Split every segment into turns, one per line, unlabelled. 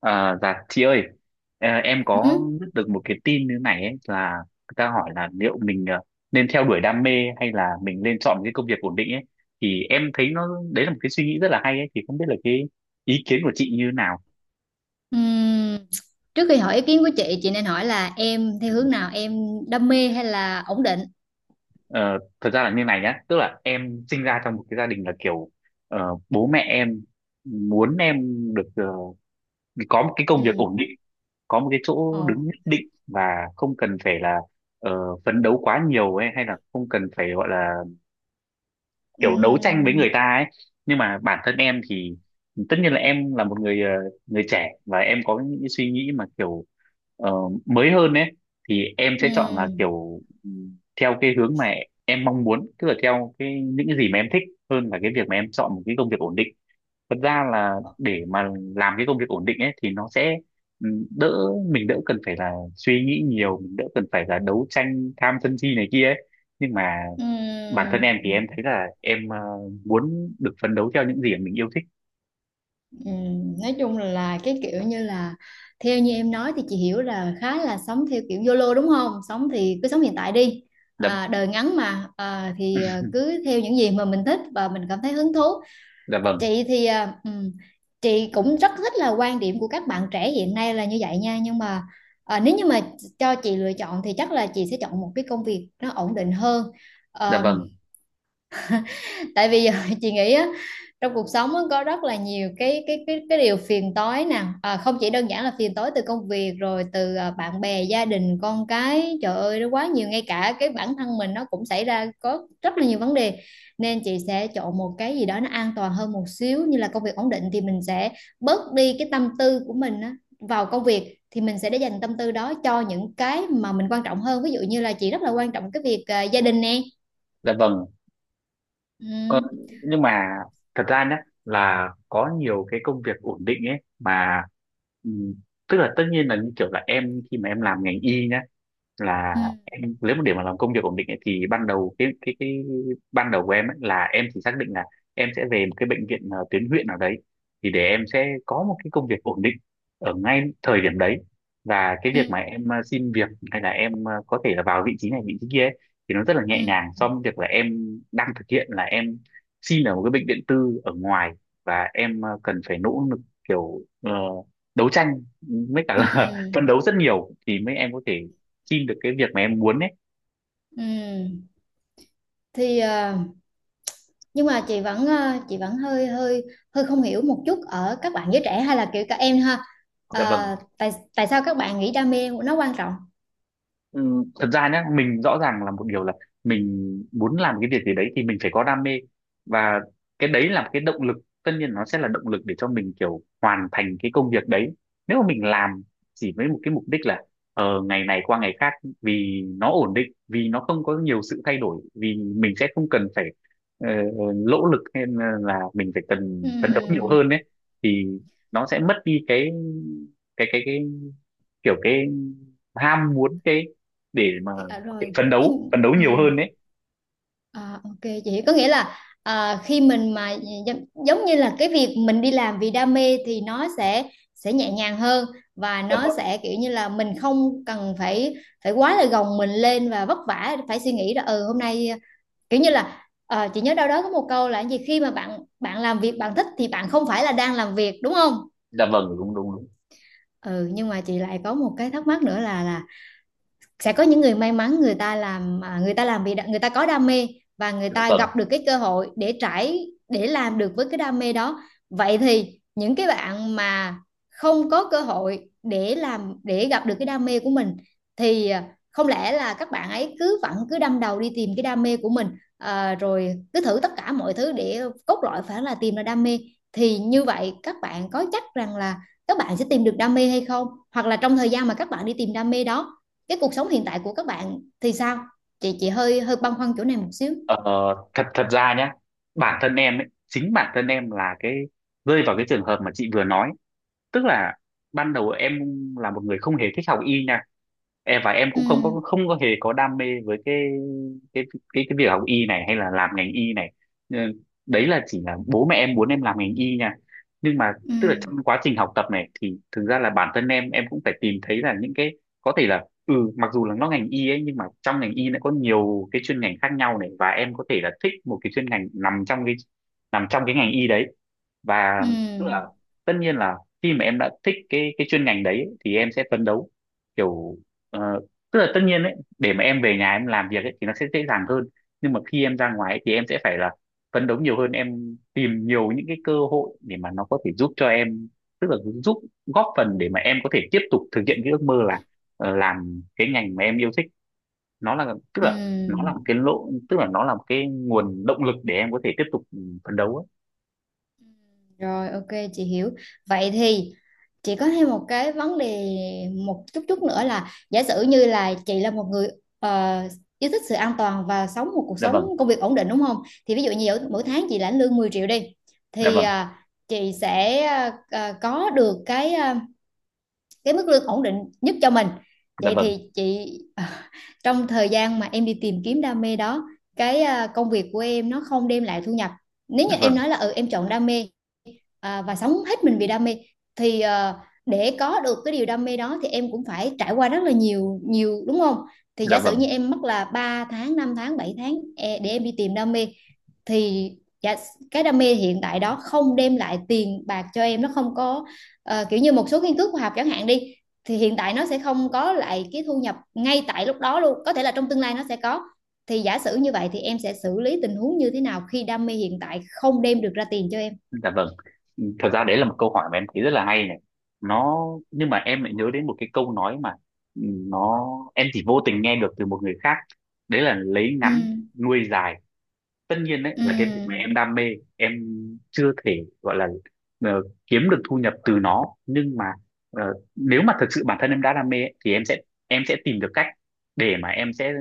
À, dạ chị ơi à, em có
Ừ.
biết được một cái tin như này ấy, là người ta hỏi là liệu mình nên theo đuổi đam mê hay là mình nên chọn cái công việc ổn định ấy thì em thấy nó đấy là một cái suy nghĩ rất là hay ấy, thì không biết là cái ý kiến của chị như thế nào.
Ừm, Trước khi hỏi ý kiến của chị nên hỏi là em theo hướng nào, em đam mê hay là ổn định?
Ờ, thật ra là như này nhá, tức là em sinh ra trong một cái gia đình là kiểu bố mẹ em muốn em được có một cái công
Ừ.
việc ổn định, có một cái chỗ
Ồ.
đứng nhất định và không cần phải là ờ, phấn đấu quá nhiều ấy, hay là không cần phải gọi là
Ừ.
kiểu đấu tranh với người ta ấy. Nhưng mà bản thân em thì tất nhiên là em là một người người trẻ, và em có những cái suy nghĩ mà kiểu ờ, mới hơn ấy, thì em sẽ chọn là
Ừ.
kiểu theo cái hướng mà em mong muốn, tức là theo cái những cái gì mà em thích hơn là cái việc mà em chọn một cái công việc ổn định. Thật ra là để mà làm cái công việc ổn định ấy thì nó sẽ đỡ, mình đỡ cần phải là suy nghĩ nhiều, mình đỡ cần phải là đấu tranh tham sân si này kia ấy. Nhưng mà
Ừ.
bản thân em thì em thấy là em muốn được phấn đấu theo những gì mà mình yêu thích.
Ừ. Nói chung là cái kiểu như là theo như em nói thì chị hiểu là khá là sống theo kiểu YOLO đúng không? Sống thì cứ sống hiện tại đi.
Dạ.
Đời ngắn mà, thì cứ theo những gì mà mình thích và mình cảm thấy hứng thú.
Dạ vâng.
Chị thì chị cũng rất thích là quan điểm của các bạn trẻ hiện nay là như vậy nha, nhưng mà nếu như mà cho chị lựa chọn thì chắc là chị sẽ chọn một cái công việc nó ổn định hơn.
Dạ
Ờ,
vâng.
Tại vì giờ chị nghĩ á, trong cuộc sống á, có rất là nhiều cái điều phiền toái nè, không chỉ đơn giản là phiền toái từ công việc, rồi từ bạn bè, gia đình, con cái, trời ơi nó quá nhiều, ngay cả cái bản thân mình nó cũng xảy ra có rất là nhiều vấn đề. Nên chị sẽ chọn một cái gì đó nó an toàn hơn một xíu, như là công việc ổn định thì mình sẽ bớt đi cái tâm tư của mình á, vào công việc thì mình sẽ để dành tâm tư đó cho những cái mà mình quan trọng hơn, ví dụ như là chị rất là quan trọng cái việc gia đình nè.
Dạ vâng. Còn
Ừ.
nhưng mà thật ra nhé, là có nhiều cái công việc ổn định ấy mà, ừm, tức là tất nhiên là như kiểu là em khi mà em làm ngành y nhá, là
Ừ.
em nếu mà để mà làm công việc ổn định ấy, thì ban đầu cái ban đầu của em ấy, là em chỉ xác định là em sẽ về một cái bệnh viện tuyến huyện nào đấy thì để em sẽ có một cái công việc ổn định ở ngay thời điểm đấy. Và cái
Ừ.
việc mà em xin việc hay là em có thể là vào vị trí này vị trí kia ấy, thì nó rất là
Ừ,
nhẹ nhàng so với việc là em đang thực hiện là em xin ở một cái bệnh viện tư ở ngoài, và em cần phải nỗ lực kiểu đấu tranh, với cả
ừ,
là phấn đấu rất nhiều thì mới em có thể xin được cái việc mà em muốn ấy.
ừ. Thì nhưng mà chị vẫn hơi hơi hơi không hiểu một chút ở các bạn giới trẻ, hay là kiểu các em ha.
Dạ vâng.
Tại tại sao các bạn nghĩ đam mê nó quan trọng?
Ừ, thật ra nhá, mình rõ ràng là một điều là mình muốn làm cái việc gì đấy thì mình phải có đam mê, và cái đấy là cái động lực, tất nhiên nó sẽ là động lực để cho mình kiểu hoàn thành cái công việc đấy. Nếu mà mình làm chỉ với một cái mục đích là ngày này qua ngày khác, vì nó ổn định, vì nó không có nhiều sự thay đổi, vì mình sẽ không cần phải ờ, lỗ lực hay là mình phải cần phấn đấu nhiều
Ừ,
hơn ấy, thì nó sẽ mất đi cái cái cái cái kiểu cái ham muốn, cái để mà
à, rồi, cái
phấn đấu
ừ,
nhiều hơn đấy.
ok, chị có nghĩa là khi mình mà, giống như là cái việc mình đi làm vì đam mê thì nó sẽ nhẹ nhàng hơn, và
Dạ
nó
vâng.
sẽ kiểu như là mình không cần phải phải quá là gồng mình lên và vất vả, phải suy nghĩ là ừ hôm nay, kiểu như là chị nhớ đâu đó có một câu là cái gì khi mà bạn bạn làm việc bạn thích thì bạn không phải là đang làm việc, đúng không?
Dạ vâng đúng đúng đúng.
Ừ, nhưng mà chị lại có một cái thắc mắc nữa là sẽ có những người may mắn, người ta làm người ta làm vì người ta có đam mê, và người
Dạ
ta
vâng.
gặp được cái cơ hội để trải, để làm được với cái đam mê đó. Vậy thì những cái bạn mà không có cơ hội để làm, để gặp được cái đam mê của mình thì không lẽ là các bạn ấy cứ vẫn cứ đâm đầu đi tìm cái đam mê của mình, rồi cứ thử tất cả mọi thứ để cốt lõi phải là tìm ra đam mê. Thì như vậy các bạn có chắc rằng là các bạn sẽ tìm được đam mê hay không, hoặc là trong thời gian mà các bạn đi tìm đam mê đó, cái cuộc sống hiện tại của các bạn thì sao? Chị hơi hơi băn khoăn chỗ này một xíu.
Ờ, thật thật ra nhá, bản thân em ấy, chính bản thân em là cái rơi vào cái trường hợp mà chị vừa nói, tức là ban đầu em là một người không hề thích học y nha, em và em
Ừ,
cũng không có hề có đam mê với cái cái cái việc học y này hay là làm ngành y này. Ừ, đấy là chỉ là bố mẹ em muốn em làm ngành y nha, nhưng mà
ừ,
tức là trong quá trình học tập này thì thực ra là bản thân em cũng phải tìm thấy là những cái có thể là ừ, mặc dù là nó ngành y ấy nhưng mà trong ngành y nó có nhiều cái chuyên ngành khác nhau này, và em có thể là thích một cái chuyên ngành nằm trong cái ngành y đấy. Và tức là
ừ,
tất nhiên là khi mà em đã thích cái chuyên ngành đấy ấy, thì em sẽ phấn đấu kiểu ờ, tức là tất nhiên ấy để mà em về nhà em làm việc ấy thì nó sẽ dễ dàng hơn. Nhưng mà khi em ra ngoài ấy, thì em sẽ phải là phấn đấu nhiều hơn, em tìm nhiều những cái cơ hội để mà nó có thể giúp cho em, tức là giúp góp phần để mà em có thể tiếp tục thực hiện cái ước mơ là làm cái ngành mà em yêu thích. Nó là tức là nó là
ừ,
một cái lộ, tức là nó là một cái nguồn động lực để em có thể tiếp tục phấn đấu ấy.
rồi, ok, chị hiểu. Vậy thì chị có thêm một cái vấn đề một chút chút nữa, là giả sử như là chị là một người ờ, yêu thích sự an toàn và sống một cuộc
Dạ
sống
vâng.
công việc ổn định, đúng không, thì ví dụ như mỗi tháng chị lãnh lương 10 triệu đi,
Dạ
thì
vâng.
chị sẽ có được cái, cái mức lương ổn định nhất cho mình.
Dạ
Vậy
vâng.
thì chị trong thời gian mà em đi tìm kiếm đam mê đó, cái công việc của em nó không đem lại thu nhập. Nếu như em
Vâng.
nói là ừ em chọn đam mê, và sống hết mình vì đam mê, thì để có được cái điều đam mê đó thì em cũng phải trải qua rất là nhiều nhiều, đúng không? Thì
Dạ
giả sử
vâng.
như em mất là 3 tháng, 5 tháng, 7 tháng để em đi tìm đam mê, thì dạ, cái đam mê hiện tại đó không đem lại tiền bạc cho em, nó không có, kiểu như một số nghiên cứu khoa học chẳng hạn đi, thì hiện tại nó sẽ không có lại cái thu nhập ngay tại lúc đó luôn, có thể là trong tương lai nó sẽ có. Thì giả sử như vậy thì em sẽ xử lý tình huống như thế nào khi đam mê hiện tại không đem được ra tiền cho em?
Dạ vâng. Thật ra đấy là một câu hỏi mà em thấy rất là hay này, nó nhưng mà em lại nhớ đến một cái câu nói mà, ừ, nó em chỉ vô tình nghe được từ một người khác, đấy là lấy
Ừ,
ngắn nuôi dài. Tất nhiên đấy
ừ,
là cái việc mà em đam mê, em chưa thể gọi là kiếm được thu nhập từ nó, nhưng mà nếu mà thực sự bản thân em đã đam mê ấy, thì em sẽ tìm được cách để mà em sẽ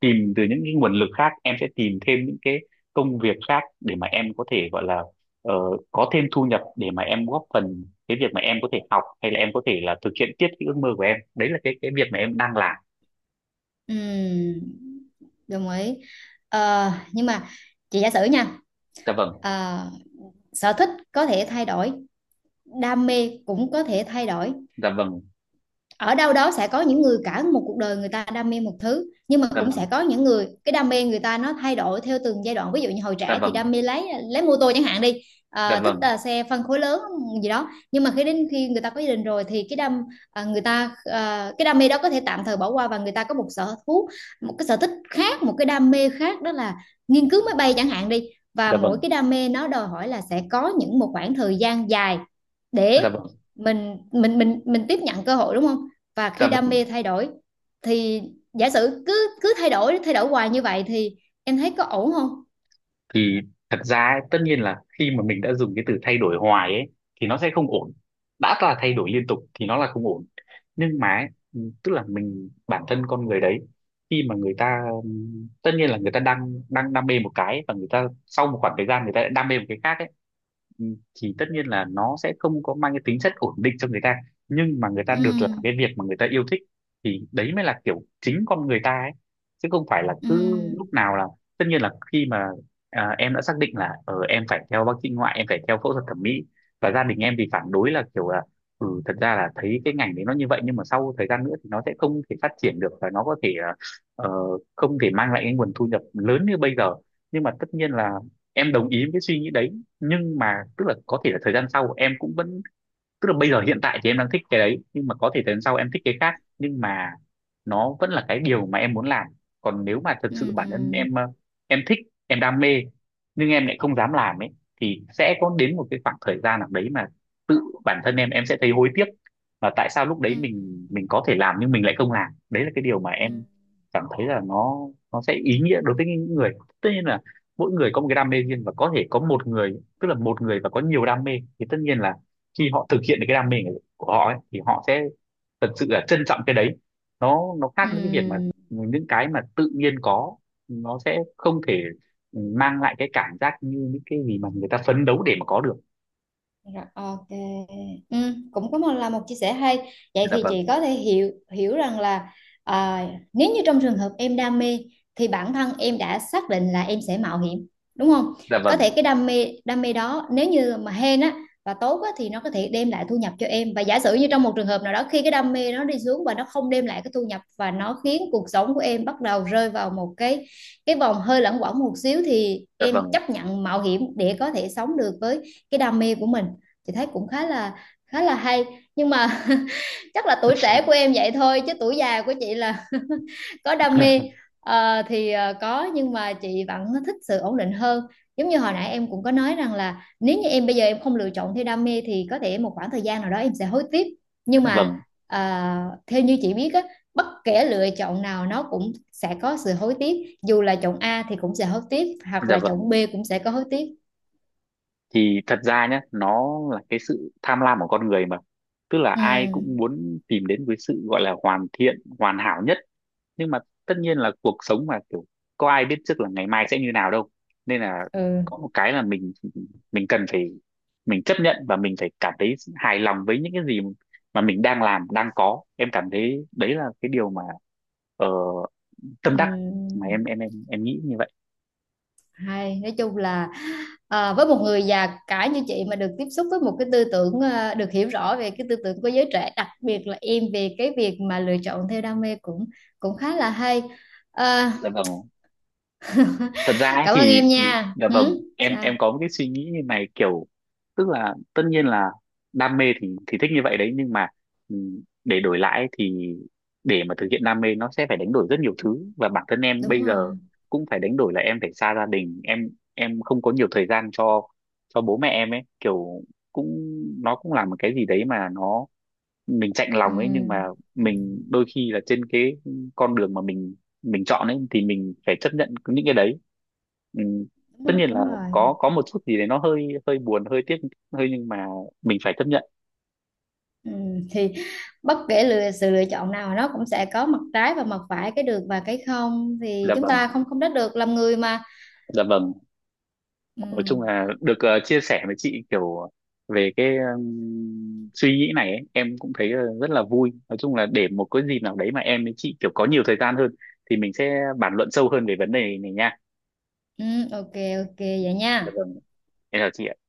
tìm từ những cái nguồn lực khác, em sẽ tìm thêm những cái công việc khác để mà em có thể gọi là ờ, có thêm thu nhập, để mà em góp phần cái việc mà em có thể học hay là em có thể là thực hiện tiếp cái ước mơ của em, đấy là cái việc mà em đang làm.
ừ, đồng ý. Ờ, nhưng mà chị giả sử nha,
Dạ vâng.
ờ, sở thích có thể thay đổi, đam mê cũng có thể thay đổi.
Dạ vâng.
Ở đâu đó sẽ có những người cả một cuộc đời người ta đam mê một thứ, nhưng mà
Dạ
cũng
vâng.
sẽ có những người cái đam mê người ta nó thay đổi theo từng giai đoạn, ví dụ như hồi
Dạ
trẻ thì
vâng.
đam mê lấy mô tô chẳng hạn đi,
Dạ
thích
vâng.
xe phân khối lớn gì đó, nhưng mà khi đến khi người ta có gia đình rồi thì cái đam à, người ta à, cái đam mê đó có thể tạm thời bỏ qua và người ta có một sở thú một cái sở thích khác, một cái đam mê khác, đó là nghiên cứu máy bay chẳng hạn đi. Và
Dạ
mỗi
vâng.
cái đam mê nó đòi hỏi là sẽ có những một khoảng thời gian dài
Dạ
để
vâng.
mình tiếp nhận cơ hội, đúng không? Và
Dạ
khi đam
vâng,
mê thay đổi thì giả sử cứ cứ thay đổi hoài như vậy thì em thấy có ổn không?
thì thật ra ấy, tất nhiên là khi mà mình đã dùng cái từ thay đổi hoài ấy thì nó sẽ không ổn. Đã là thay đổi liên tục thì nó là không ổn. Nhưng mà ấy, tức là mình bản thân con người đấy, khi mà người ta tất nhiên là người ta đang đang đam mê một cái và người ta sau một khoảng thời gian người ta lại đam mê một cái khác ấy, ừ, thì tất nhiên là nó sẽ không có mang cái tính chất ổn định cho người ta, nhưng mà người ta
Ừ,
được làm cái việc mà người ta yêu thích thì đấy mới là kiểu chính con người ta ấy, chứ không phải là
ừ,
cứ lúc nào là tất nhiên là khi mà em đã xác định là em phải theo bác sĩ ngoại, em phải theo phẫu thuật thẩm mỹ, và gia đình em thì phản đối là kiểu là ừ, thật ra là thấy cái ngành đấy nó như vậy nhưng mà sau thời gian nữa thì nó sẽ không thể phát triển được và nó có thể ờ, không thể mang lại cái nguồn thu nhập lớn như bây giờ. Nhưng mà tất nhiên là em đồng ý với cái suy nghĩ đấy, nhưng mà tức là có thể là thời gian sau em cũng vẫn, tức là bây giờ hiện tại thì em đang thích cái đấy nhưng mà có thể đến sau em thích cái khác, nhưng mà nó vẫn là cái điều mà em muốn làm. Còn nếu mà thật sự bản thân
ừ,
em em thích, em đam mê nhưng em lại không dám làm ấy, thì sẽ có đến một cái khoảng thời gian nào đấy mà tự bản thân em sẽ thấy hối tiếc, và tại sao lúc
ừ,
đấy mình có thể làm nhưng mình lại không làm, đấy là cái điều mà
ừ,
em cảm thấy là nó sẽ ý nghĩa đối với những người. Tất nhiên là mỗi người có một cái đam mê riêng, và có thể có một người tức là một người và có nhiều đam mê thì tất nhiên là khi họ thực hiện được cái đam mê của họ ấy, thì họ sẽ thật sự là trân trọng cái đấy. Nó khác
ừ.
với cái việc mà những cái mà tự nhiên có, nó sẽ không thể mang lại cái cảm giác như những cái gì mà người ta phấn đấu để mà có được.
Rồi, ok. Ừ, cũng có một chia sẻ hay. Vậy
Dạ
thì chị
vâng.
có thể hiểu hiểu rằng là à, nếu như trong trường hợp em đam mê thì bản thân em đã xác định là em sẽ mạo hiểm, đúng không?
Dạ
Có
vâng.
thể cái đam mê đó, nếu như mà hên á và tốt á thì nó có thể đem lại thu nhập cho em, và giả sử như trong một trường hợp nào đó khi cái đam mê nó đi xuống và nó không đem lại cái thu nhập và nó khiến cuộc sống của em bắt đầu rơi vào một cái vòng hơi luẩn quẩn một xíu, thì
Dạ
em
vâng.
chấp nhận mạo hiểm để có thể sống được với cái đam mê của mình. Chị thấy cũng khá là hay, nhưng mà chắc là tuổi trẻ của em vậy thôi, chứ tuổi già của chị là có đam mê. Có, nhưng mà chị vẫn thích sự ổn định hơn. Giống như hồi nãy em cũng có nói rằng là nếu như em bây giờ em không lựa chọn theo đam mê thì có thể một khoảng thời gian nào đó em sẽ hối tiếc, nhưng
Dạ
mà
vâng.
ờ, theo như chị biết á, bất kể lựa chọn nào nó cũng sẽ có sự hối tiếc, dù là chọn A thì cũng sẽ hối tiếc, hoặc
Dạ
là
vâng
chọn B cũng sẽ có hối tiếc.
thì thật ra nhé, nó là cái sự tham lam của con người mà, tức là
Ừ,
ai cũng muốn tìm đến cái sự gọi là hoàn thiện hoàn hảo nhất, nhưng mà tất nhiên là cuộc sống mà kiểu có ai biết trước là ngày mai sẽ như nào đâu, nên là
ừ,
có một cái là mình cần phải, mình chấp nhận và mình phải cảm thấy hài lòng với những cái gì mà mình đang làm đang có, em cảm thấy đấy là cái điều mà ờ, tâm
ừ.
đắc, mà em nghĩ như vậy.
Hay, nói chung là với một người già cả như chị mà được tiếp xúc với một cái tư tưởng, được hiểu rõ về cái tư tưởng của giới trẻ, đặc biệt là em, về cái việc mà lựa chọn theo đam mê, cũng cũng khá là hay. À,
Dạ vâng, thật ra ấy
Cảm ơn
thì
em nha.
dạ vâng,
Ừ,
em
sao?
có một cái suy nghĩ như này kiểu tức là tất nhiên là đam mê thì thích như vậy đấy, nhưng mà để đổi lại ấy thì để mà thực hiện đam mê nó sẽ phải đánh đổi rất nhiều thứ, và bản thân em
Đúng
bây giờ
rồi.
cũng phải đánh đổi là em phải xa gia đình em không có nhiều thời gian cho bố mẹ em ấy, kiểu cũng, nó cũng là một cái gì đấy mà nó mình chạnh
Ừ,
lòng ấy, nhưng mà mình đôi khi là trên cái con đường mà mình chọn ấy thì mình phải chấp nhận những cái đấy. Ừ.
đúng
Tất
rồi,
nhiên là
đúng rồi.
có một chút gì đấy nó hơi hơi buồn hơi tiếc hơi, nhưng mà mình phải chấp nhận.
Ừ, thì bất kể sự lựa chọn nào nó cũng sẽ có mặt trái và mặt phải, cái được và cái không, thì
Dạ
chúng
vâng.
ta không không trách được, làm người mà.
Dạ vâng.
Ừ,
Nói chung là được chia sẻ với chị kiểu về cái suy nghĩ này ấy, em cũng thấy rất là vui, nói chung là để một cái dịp nào đấy mà em với chị kiểu có nhiều thời gian hơn thì mình sẽ bàn luận sâu hơn về vấn đề này nha.
ừ, ok. Ok vậy
Dạ
nha.
vâng. Em chào chị ạ.